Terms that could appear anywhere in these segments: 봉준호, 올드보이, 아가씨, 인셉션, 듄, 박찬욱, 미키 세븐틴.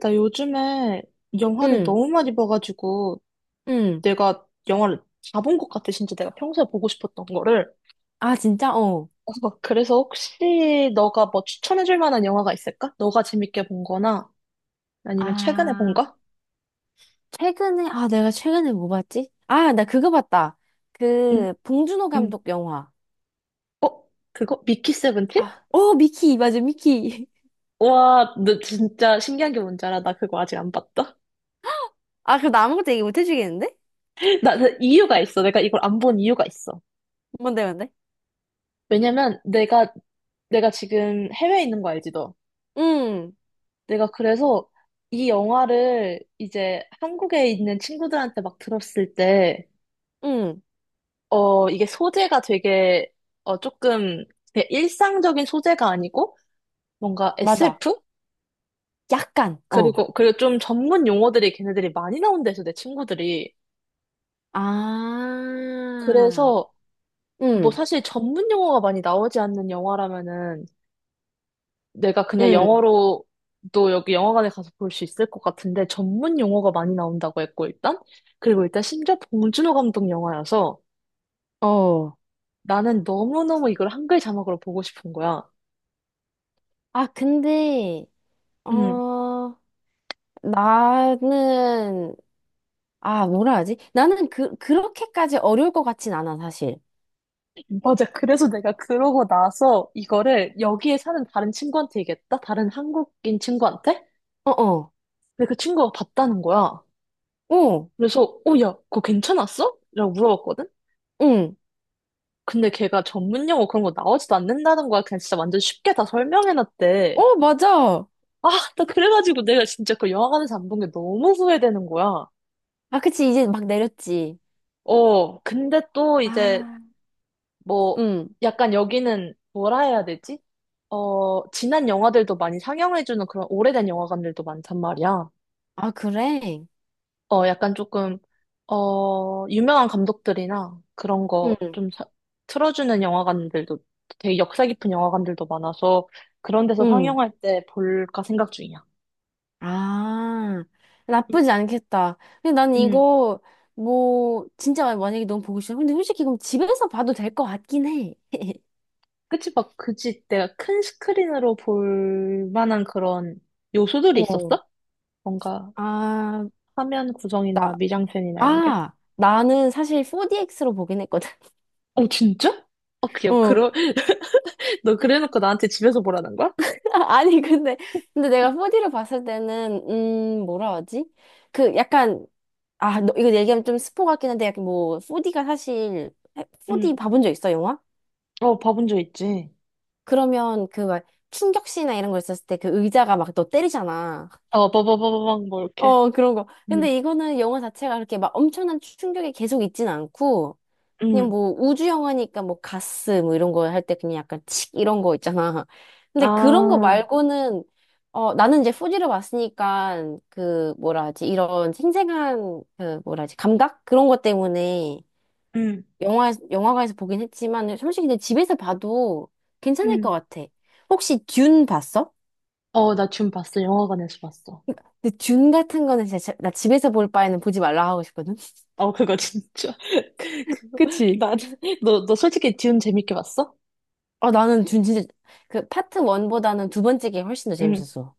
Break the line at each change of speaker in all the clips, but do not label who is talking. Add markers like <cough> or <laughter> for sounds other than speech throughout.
나 요즘에 영화를
응,
너무 많이 봐가지고
응.
내가 영화를 다 본 것 같아. 진짜 내가 평소에 보고 싶었던 거를.
아, 진짜? 어.
어, 그래서 혹시 너가 뭐 추천해줄 만한 영화가 있을까? 너가 재밌게 본 거나 아니면 최근에 본
아,
거?
최근에, 아, 내가 최근에 뭐 봤지? 아, 나 그거 봤다.
응,
그, 봉준호
응.
감독 영화.
어? 그거? 미키 세븐틴?
아, 어, 미키, 맞아, 미키.
와, 너 진짜 신기한 게 뭔지 알아? 나 그거 아직 안 봤다.
<laughs> 아, 그럼 나 아무것도 얘기 못 해주겠는데?
<laughs> 나 이유가 있어. 내가 이걸 안 본 이유가 있어.
뭔데, 뭔데?
왜냐면 내가 지금 해외에 있는 거 알지, 너?
응,
내가 그래서 이 영화를 이제 한국에 있는 친구들한테 막 들었을 때,
응,
어, 이게 소재가 되게, 조금 되게 일상적인 소재가 아니고, 뭔가
맞아.
SF?
약간, 어.
그리고 좀 전문 용어들이 걔네들이 많이 나온대서 내 친구들이.
아,
그래서, 뭐
응,
사실 전문 용어가 많이 나오지 않는 영화라면은, 내가 그냥
응,
영어로도 여기 영화관에 가서 볼 수 있을 것 같은데, 전문 용어가 많이 나온다고 했고, 일단. 그리고 일단 심지어 봉준호 감독 영화여서
어.
나는 너무너무 이걸 한글 자막으로 보고 싶은 거야.
아, 근데, 어,
응,
나는, 아, 뭐라 하지? 나는 그렇게까지 어려울 것 같진 않아, 사실.
맞아. 그래서 내가 그러고 나서 이거를 여기에 사는 다른 친구한테 얘기했다? 다른 한국인 친구한테?
어어.
근데 그 친구가 봤다는 거야.
어.
그래서, 어, 야, 그거 괜찮았어? 라고 물어봤거든?
응.
근데 걔가 전문 용어 그런 거 나오지도 않는다는 거야. 그냥 진짜 완전 쉽게 다 설명해놨대.
어, 맞아.
아, 나 그래가지고 내가 진짜 그 영화관에서 안 본 게 너무 후회되는 거야.
아, 그치. 이제 막 내렸지.
어, 근데 또 이제
아,
뭐,
응.
약간 여기는 뭐라 해야 되지? 어, 지난 영화들도 많이 상영해주는 그런 오래된 영화관들도 많단 말이야.
아, 그래?
어, 약간 조금, 어, 유명한 감독들이나 그런 거
응.
좀 틀어주는 영화관들도 되게 역사 깊은 영화관들도 많아서 그런 데서
응.
상영할 때 볼까 생각 중이야.
아,
음,
나쁘지 않겠다. 근데 난
음.
이거, 뭐, 진짜 만약에 너무 보고 싶어. 근데 솔직히 그럼 집에서 봐도 될 것 같긴 해. <laughs>
그치, 막, 그치. 내가 큰 스크린으로 볼 만한 그런 요소들이
어.
있었어? 뭔가
아,
화면
나,
구성이나 미장센이나 이런 게?
아, 나는 사실 4DX로 보긴 했거든.
어, 진짜? 어,
<laughs>
그냥,
어.
<laughs> 너 그래놓고 나한테 집에서 보라는 거야?
<laughs> 아니, 근데 내가 4D를 봤을 때는, 뭐라 하지? 그 약간 아, 너, 이거 얘기하면 좀 스포 같긴 한데, 약간 뭐, 4D가 사실,
응.
4D 봐본 적 있어, 영화?
어, 봐본 적 있지.
그러면 그 막 충격시나 이런 거 있었을 때 그 의자가 막 너 때리잖아.
어, 빠바바바방, 뭐, 이렇게.
어, 그런 거.
응.
근데 이거는 영화 자체가 그렇게 막 엄청난 충격이 계속 있진 않고, 그냥
응.
뭐 우주 영화니까 뭐 가스 뭐 이런 거 할 때 그냥 약간 칙 이런 거 있잖아. 근데 그런 거
아,
말고는, 어, 나는 이제 4D를 봤으니까 그 뭐라 하지, 이런 생생한 그 뭐라 하지, 감각? 그런 것 때문에
응.
영화관에서 보긴 했지만, 솔직히 내 집에서 봐도 괜찮을
응.
것 같아. 혹시 듄 봤어?
어, 나 줌 봤어. 영화관에서 봤어.
근데 듄 같은 거는 진짜 나 집에서 볼 바에는 보지 말라 하고 싶거든? <laughs>
어, 그거 진짜. <laughs> 그거,
그치?
나는, 너 솔직히 듄 재밌게 봤어?
아 나는 듄 진짜, 그 파트 원보다는두 번째 게 훨씬 더
응.
재밌었어.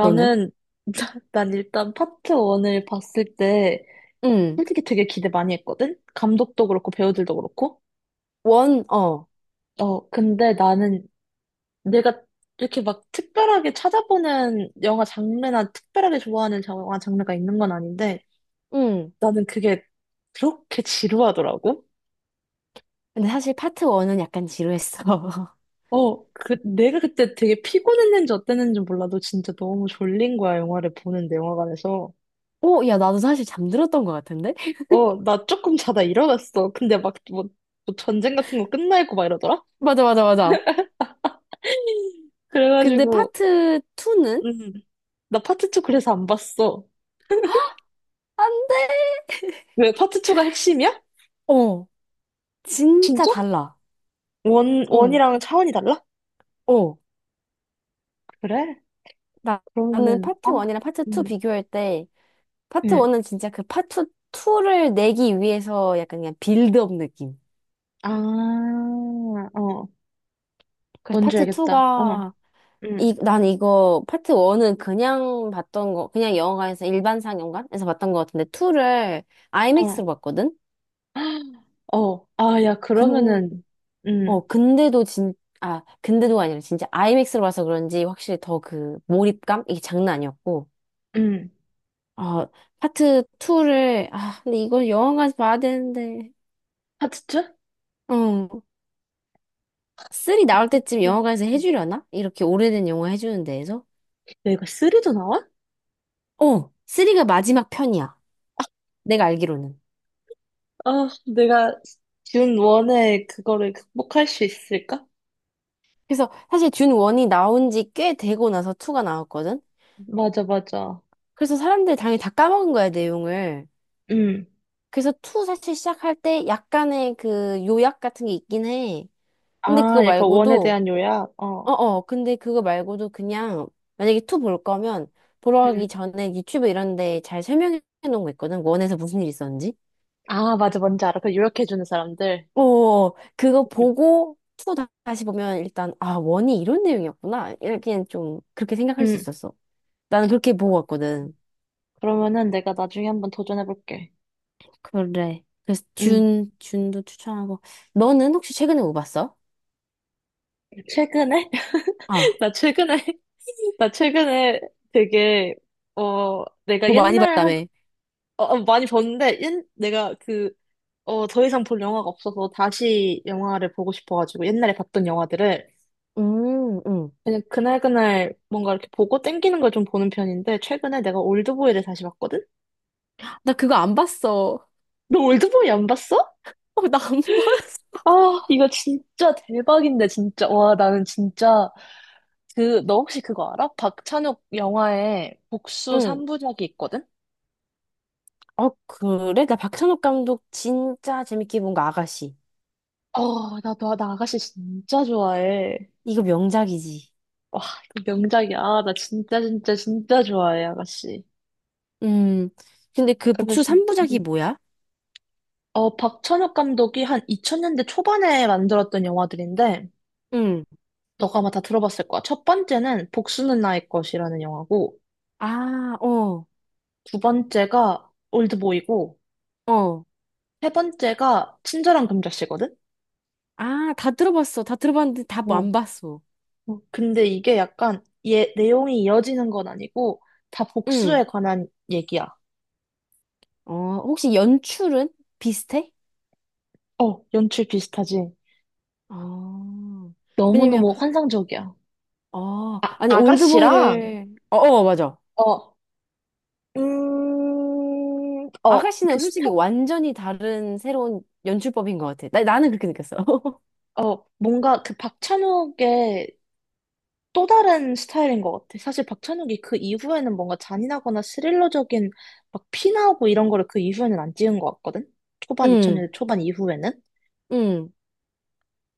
너는?
<laughs> 난 일단 파트 1을 봤을 때,
응.
솔직히 되게 기대 많이 했거든? 감독도 그렇고, 배우들도 그렇고.
원, 어.
어, 근데 나는 내가 이렇게 막 특별하게 찾아보는 영화 장르나 특별하게 좋아하는 영화 장르가 있는 건 아닌데
응.
나는 그게 그렇게 지루하더라고.
근데 사실 파트 1은 약간 지루했어. <laughs>
어, 그, 내가 그때 되게 피곤했는지 어땠는지 몰라도 진짜 너무 졸린 거야, 영화를 보는데, 영화관에서.
오, 야, 나도 사실 잠들었던 것 같은데? <laughs>
어, 나 조금 자다 일어났어. 근데 막 뭐, 전쟁 같은 거 끝나 있고 막 이러더라?
맞아, 맞아, 맞아. 근데
그래가지고,
파트 투는안
음, 나 파트 2 그래서 안 봤어.
돼! <laughs>
왜 파트 2가 핵심이야?
어, 진짜
진짜?
달라.
원,
응
원이랑 차원이 달라?
어,
그래?
나, 나는
그러면은, 아,
파트 1이랑 파트 2
음,
비교할 때, 파트
음,
1은 진짜 그 파트 2를 내기 위해서 약간 그냥 빌드업 느낌.
아, 어,
그래서
뭔지
파트
알겠다. 어,
2가,
음,
이, 난 이거, 파트 1은 그냥 봤던 거, 그냥 영화관에서 일반 상영관에서 봤던 거 같은데, 2를
어,
아이맥스로 봤거든?
<gasps> 어, 아, 야,
근,
그러면은, 음,
근데도 진, 아, 근데도 아니라 진짜 아이맥스로 봐서 그런지 확실히 더 그 몰입감? 이게 장난 아니었고,
음,
어, 파트 2를, 아, 근데 이거 영화관에서 봐야 되는데.
하트츠?
어, 3 나올 때쯤
하트츠.
영화관에서
음.
해주려나? 이렇게 오래된 영화 해주는 데에서?
내가 쓰리도 나와?
어, 3가 마지막 편이야. 내가 알기로는.
아, 내가 준 원의 그거를 극복할 수 있을까?
그래서 사실 듄 1이 나온 지 꽤 되고 나서 2가 나왔거든?
맞아, 맞아.
그래서 사람들이 당연히 다 까먹은 거야, 내용을.
음,
그래서 투 사실 시작할 때 약간의 그 요약 같은 게 있긴 해. 근데 그거
아, 약간 원에
말고도,
대한 요약? 어,
어어, 근데 그거 말고도 그냥, 만약에 2 볼 거면, 보러 가기
음.
전에 유튜브 이런 데 잘 설명해 놓은 거 있거든? 1에서 무슨 일이 있었는지?
아, 맞아, 뭔지 알아. 그 요약해주는 사람들.
어, 그거 보고 2 다시 보면 일단 아, 1이 이런 내용이었구나. 이렇게 좀 그렇게 생각할 수
음,
있었어. 나는 그렇게 보고 왔거든.
그러면은 내가 나중에 한번 도전해볼게.
그래. 그래서
음.
준도 추천하고. 너는 혹시 최근에 뭐 봤어?
최근에? <laughs>
아,
나 최근에, <laughs> 나 최근에 되게, 어, 내가
뭐 많이
옛날 한,
봤다며.
어, 어, 많이 봤는데, 옛, 내가 그, 어, 더 이상 볼 영화가 없어서 다시 영화를 보고 싶어가지고, 옛날에 봤던 영화들을,
음, 음.
그냥 그날그날 뭔가 이렇게 보고 땡기는 걸 좀 보는 편인데, 최근에 내가 올드보이를 다시 봤거든?
나 그거 안 봤어.
너 올드보이 안 봤어?
어, 나 안 <laughs> 봤어.
아, 이거 진짜 대박인데, 진짜. 와, 나는 진짜. 그, 너 혹시 그거 알아? 박찬욱 영화에 복수
응.
3부작이 있거든?
어, 그래? 나 박찬욱 감독 진짜 재밌게 본 거 아가씨.
어, 나 아가씨 진짜 좋아해.
이거 명작이지.
와, 이거 명작이야. 아, 나 진짜, 진짜, 진짜 좋아해, 아가씨.
음. 근데 그 복수
그래서,
3부작이 뭐야?
어, 박찬욱 감독이 한 2000년대 초반에 만들었던 영화들인데,
응.
너가 아마 다 들어봤을 거야. 첫 번째는 복수는 나의 것이라는 영화고,
아, 어.
두 번째가 올드보이고,
어.
세 번째가 친절한 금자씨거든?
아, 다 들어봤어. 다 들어봤는데 다 뭐
어.
안 봤어.
어, 근데 이게 약간, 얘, 내용이 이어지는 건 아니고, 다
응.
복수에 관한 얘기야.
어, 혹시 연출은 비슷해?
어, 연출 비슷하지.
어. 왜냐면,
너무너무 환상적이야.
어,
아,
아니,
아가씨랑,
올드보이를, 어, 어, 맞아.
어, 어, 그
아가씨는 솔직히
스타,
완전히 다른 새로운 연출법인 것 같아. 나는 그렇게 느꼈어. <laughs>
어, 뭔가 그 박찬욱의 또 다른 스타일인 것 같아. 사실 박찬욱이 그 이후에는 뭔가 잔인하거나 스릴러적인 막 피나오고 이런 거를 그 이후에는 안 찍은 것 같거든? 초반,
응,
2000년대 초반 이후에는?
응.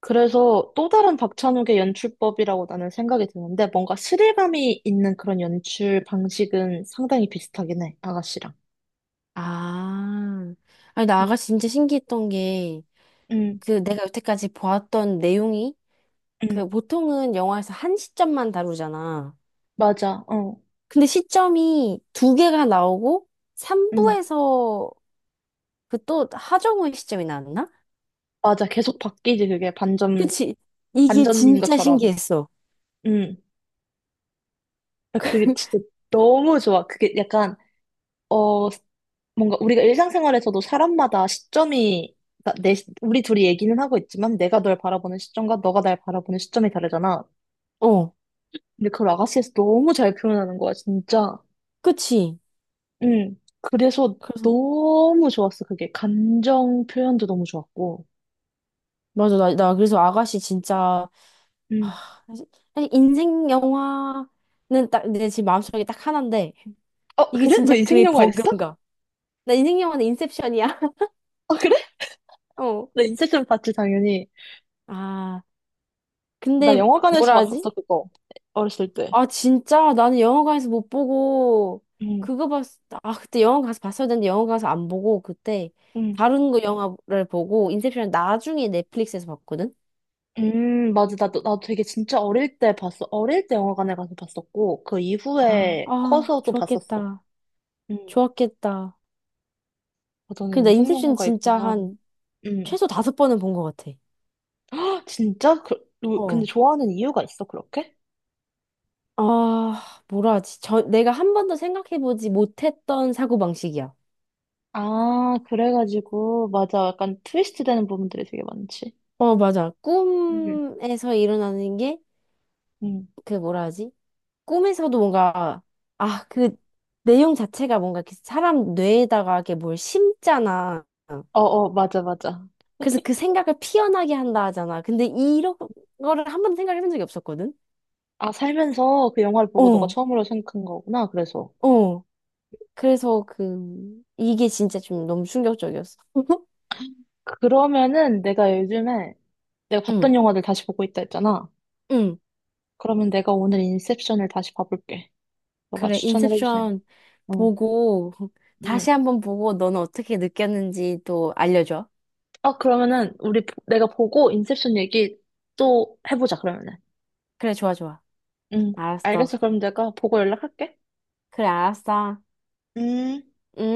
그래서 또 다른 박찬욱의 연출법이라고 나는 생각이 드는데 뭔가 스릴감이 있는 그런 연출 방식은 상당히 비슷하긴 해, 아가씨랑.
아, 아니, 나
음,
아가 씨 진짜 신기했던 게,
응,
그 내가 여태까지 보았던 내용이,
응.
그 보통은 영화에서 한 시점만 다루잖아.
맞아, 어,
근데 시점이 2개가 나오고
응,
3부에서 그 또 하정우의 시점이 나왔나?
맞아. 계속 바뀌지, 그게 반전,
그치? 이게
반전인
진짜
것처럼.
신기했어.
응. 아, 그게 진짜 너무 좋아. 그게 약간, 어, 뭔가 우리가 일상생활에서도 사람마다 시점이, 그러니까 내, 우리 둘이 얘기는 하고 있지만 내가 널 바라보는 시점과 너가 날 바라보는 시점이 다르잖아.
어,
근데 그걸 아가씨에서 너무 잘 표현하는 거야, 진짜.
그치?
응. 그래서
그래서
너무 좋았어, 그게. 감정 표현도 너무 좋았고.
맞아 나 그래서 아가씨 진짜
응.
아, 사실 인생 영화는 딱 내 지금 마음속에 딱 하나인데
어,
이게
그래? 너
진짜
인생
그의
영화 있어?
버금가. 나 인생 영화는 인셉션이야. <laughs>
어, 그래?
어.
나 인셉션 봤지, 당연히.
아,
나
근데
영화관에서
뭐라 하지?
봤었어, 그거. 어렸을 때.
아, 진짜? 나는 영화관에서 못 보고,
응,
그거 봤, 아, 그때 영화 가서 봤어야 되는데 영화 가서 안 보고, 그때
응.
다른 거 영화를 보고, 인셉션을 나중에 넷플릭스에서 봤거든?
맞아. 나도 되게 진짜 어릴 때 봤어. 어릴 때 영화관에 가서 봤었고, 그
아,
이후에
아,
커서도 봤었어.
좋았겠다.
응.
좋았겠다.
아, 너는
근데 나
인생
인셉션
영화가
진짜
있구나.
한
응.
최소 5번은 본 것 같아.
헉, 진짜? 그, 근데
어.
좋아하는 이유가 있어, 그렇게?
아, 뭐라 하지? 저, 내가 한 번도 생각해보지 못했던 사고방식이야.
아, 그래가지고, 맞아. 약간 트위스트 되는 부분들이 되게 많지.
어, 맞아.
응,
꿈에서 일어나는 게,
응.
그 뭐라 하지? 꿈에서도 뭔가 아, 그 내용 자체가 뭔가 이렇게 사람 뇌에다가 이렇게 뭘 심잖아.
어어, 맞아, 맞아.
그래서 그 생각을 피어나게 한다 하잖아. 근데 이런 거를 한 번도 생각해 본 적이 없었거든.
아, 살면서 그 영화를 보고 너가
어,
처음으로 생각한 거구나, 그래서.
어. 그래서 그 이게 진짜 좀 너무 충격적이었어.
그러면은 내가 요즘에 내가
응,
봤던 영화들 다시 보고 있다 했잖아.
응.
그러면 내가 오늘 인셉션을 다시 봐볼게. 너가
그래,
추천을 해주세요.
인셉션
응.
보고 <laughs>
응.
다시 한번 보고 너는 어떻게 느꼈는지 또 알려줘.
아, 그러면은, 우리, 내가 보고 인셉션 얘기 또 해보자, 그러면은.
그래, 좋아, 좋아.
응.
알았어.
알겠어. 그럼 내가 보고 연락할게.
그래, 알았어.
음.
응?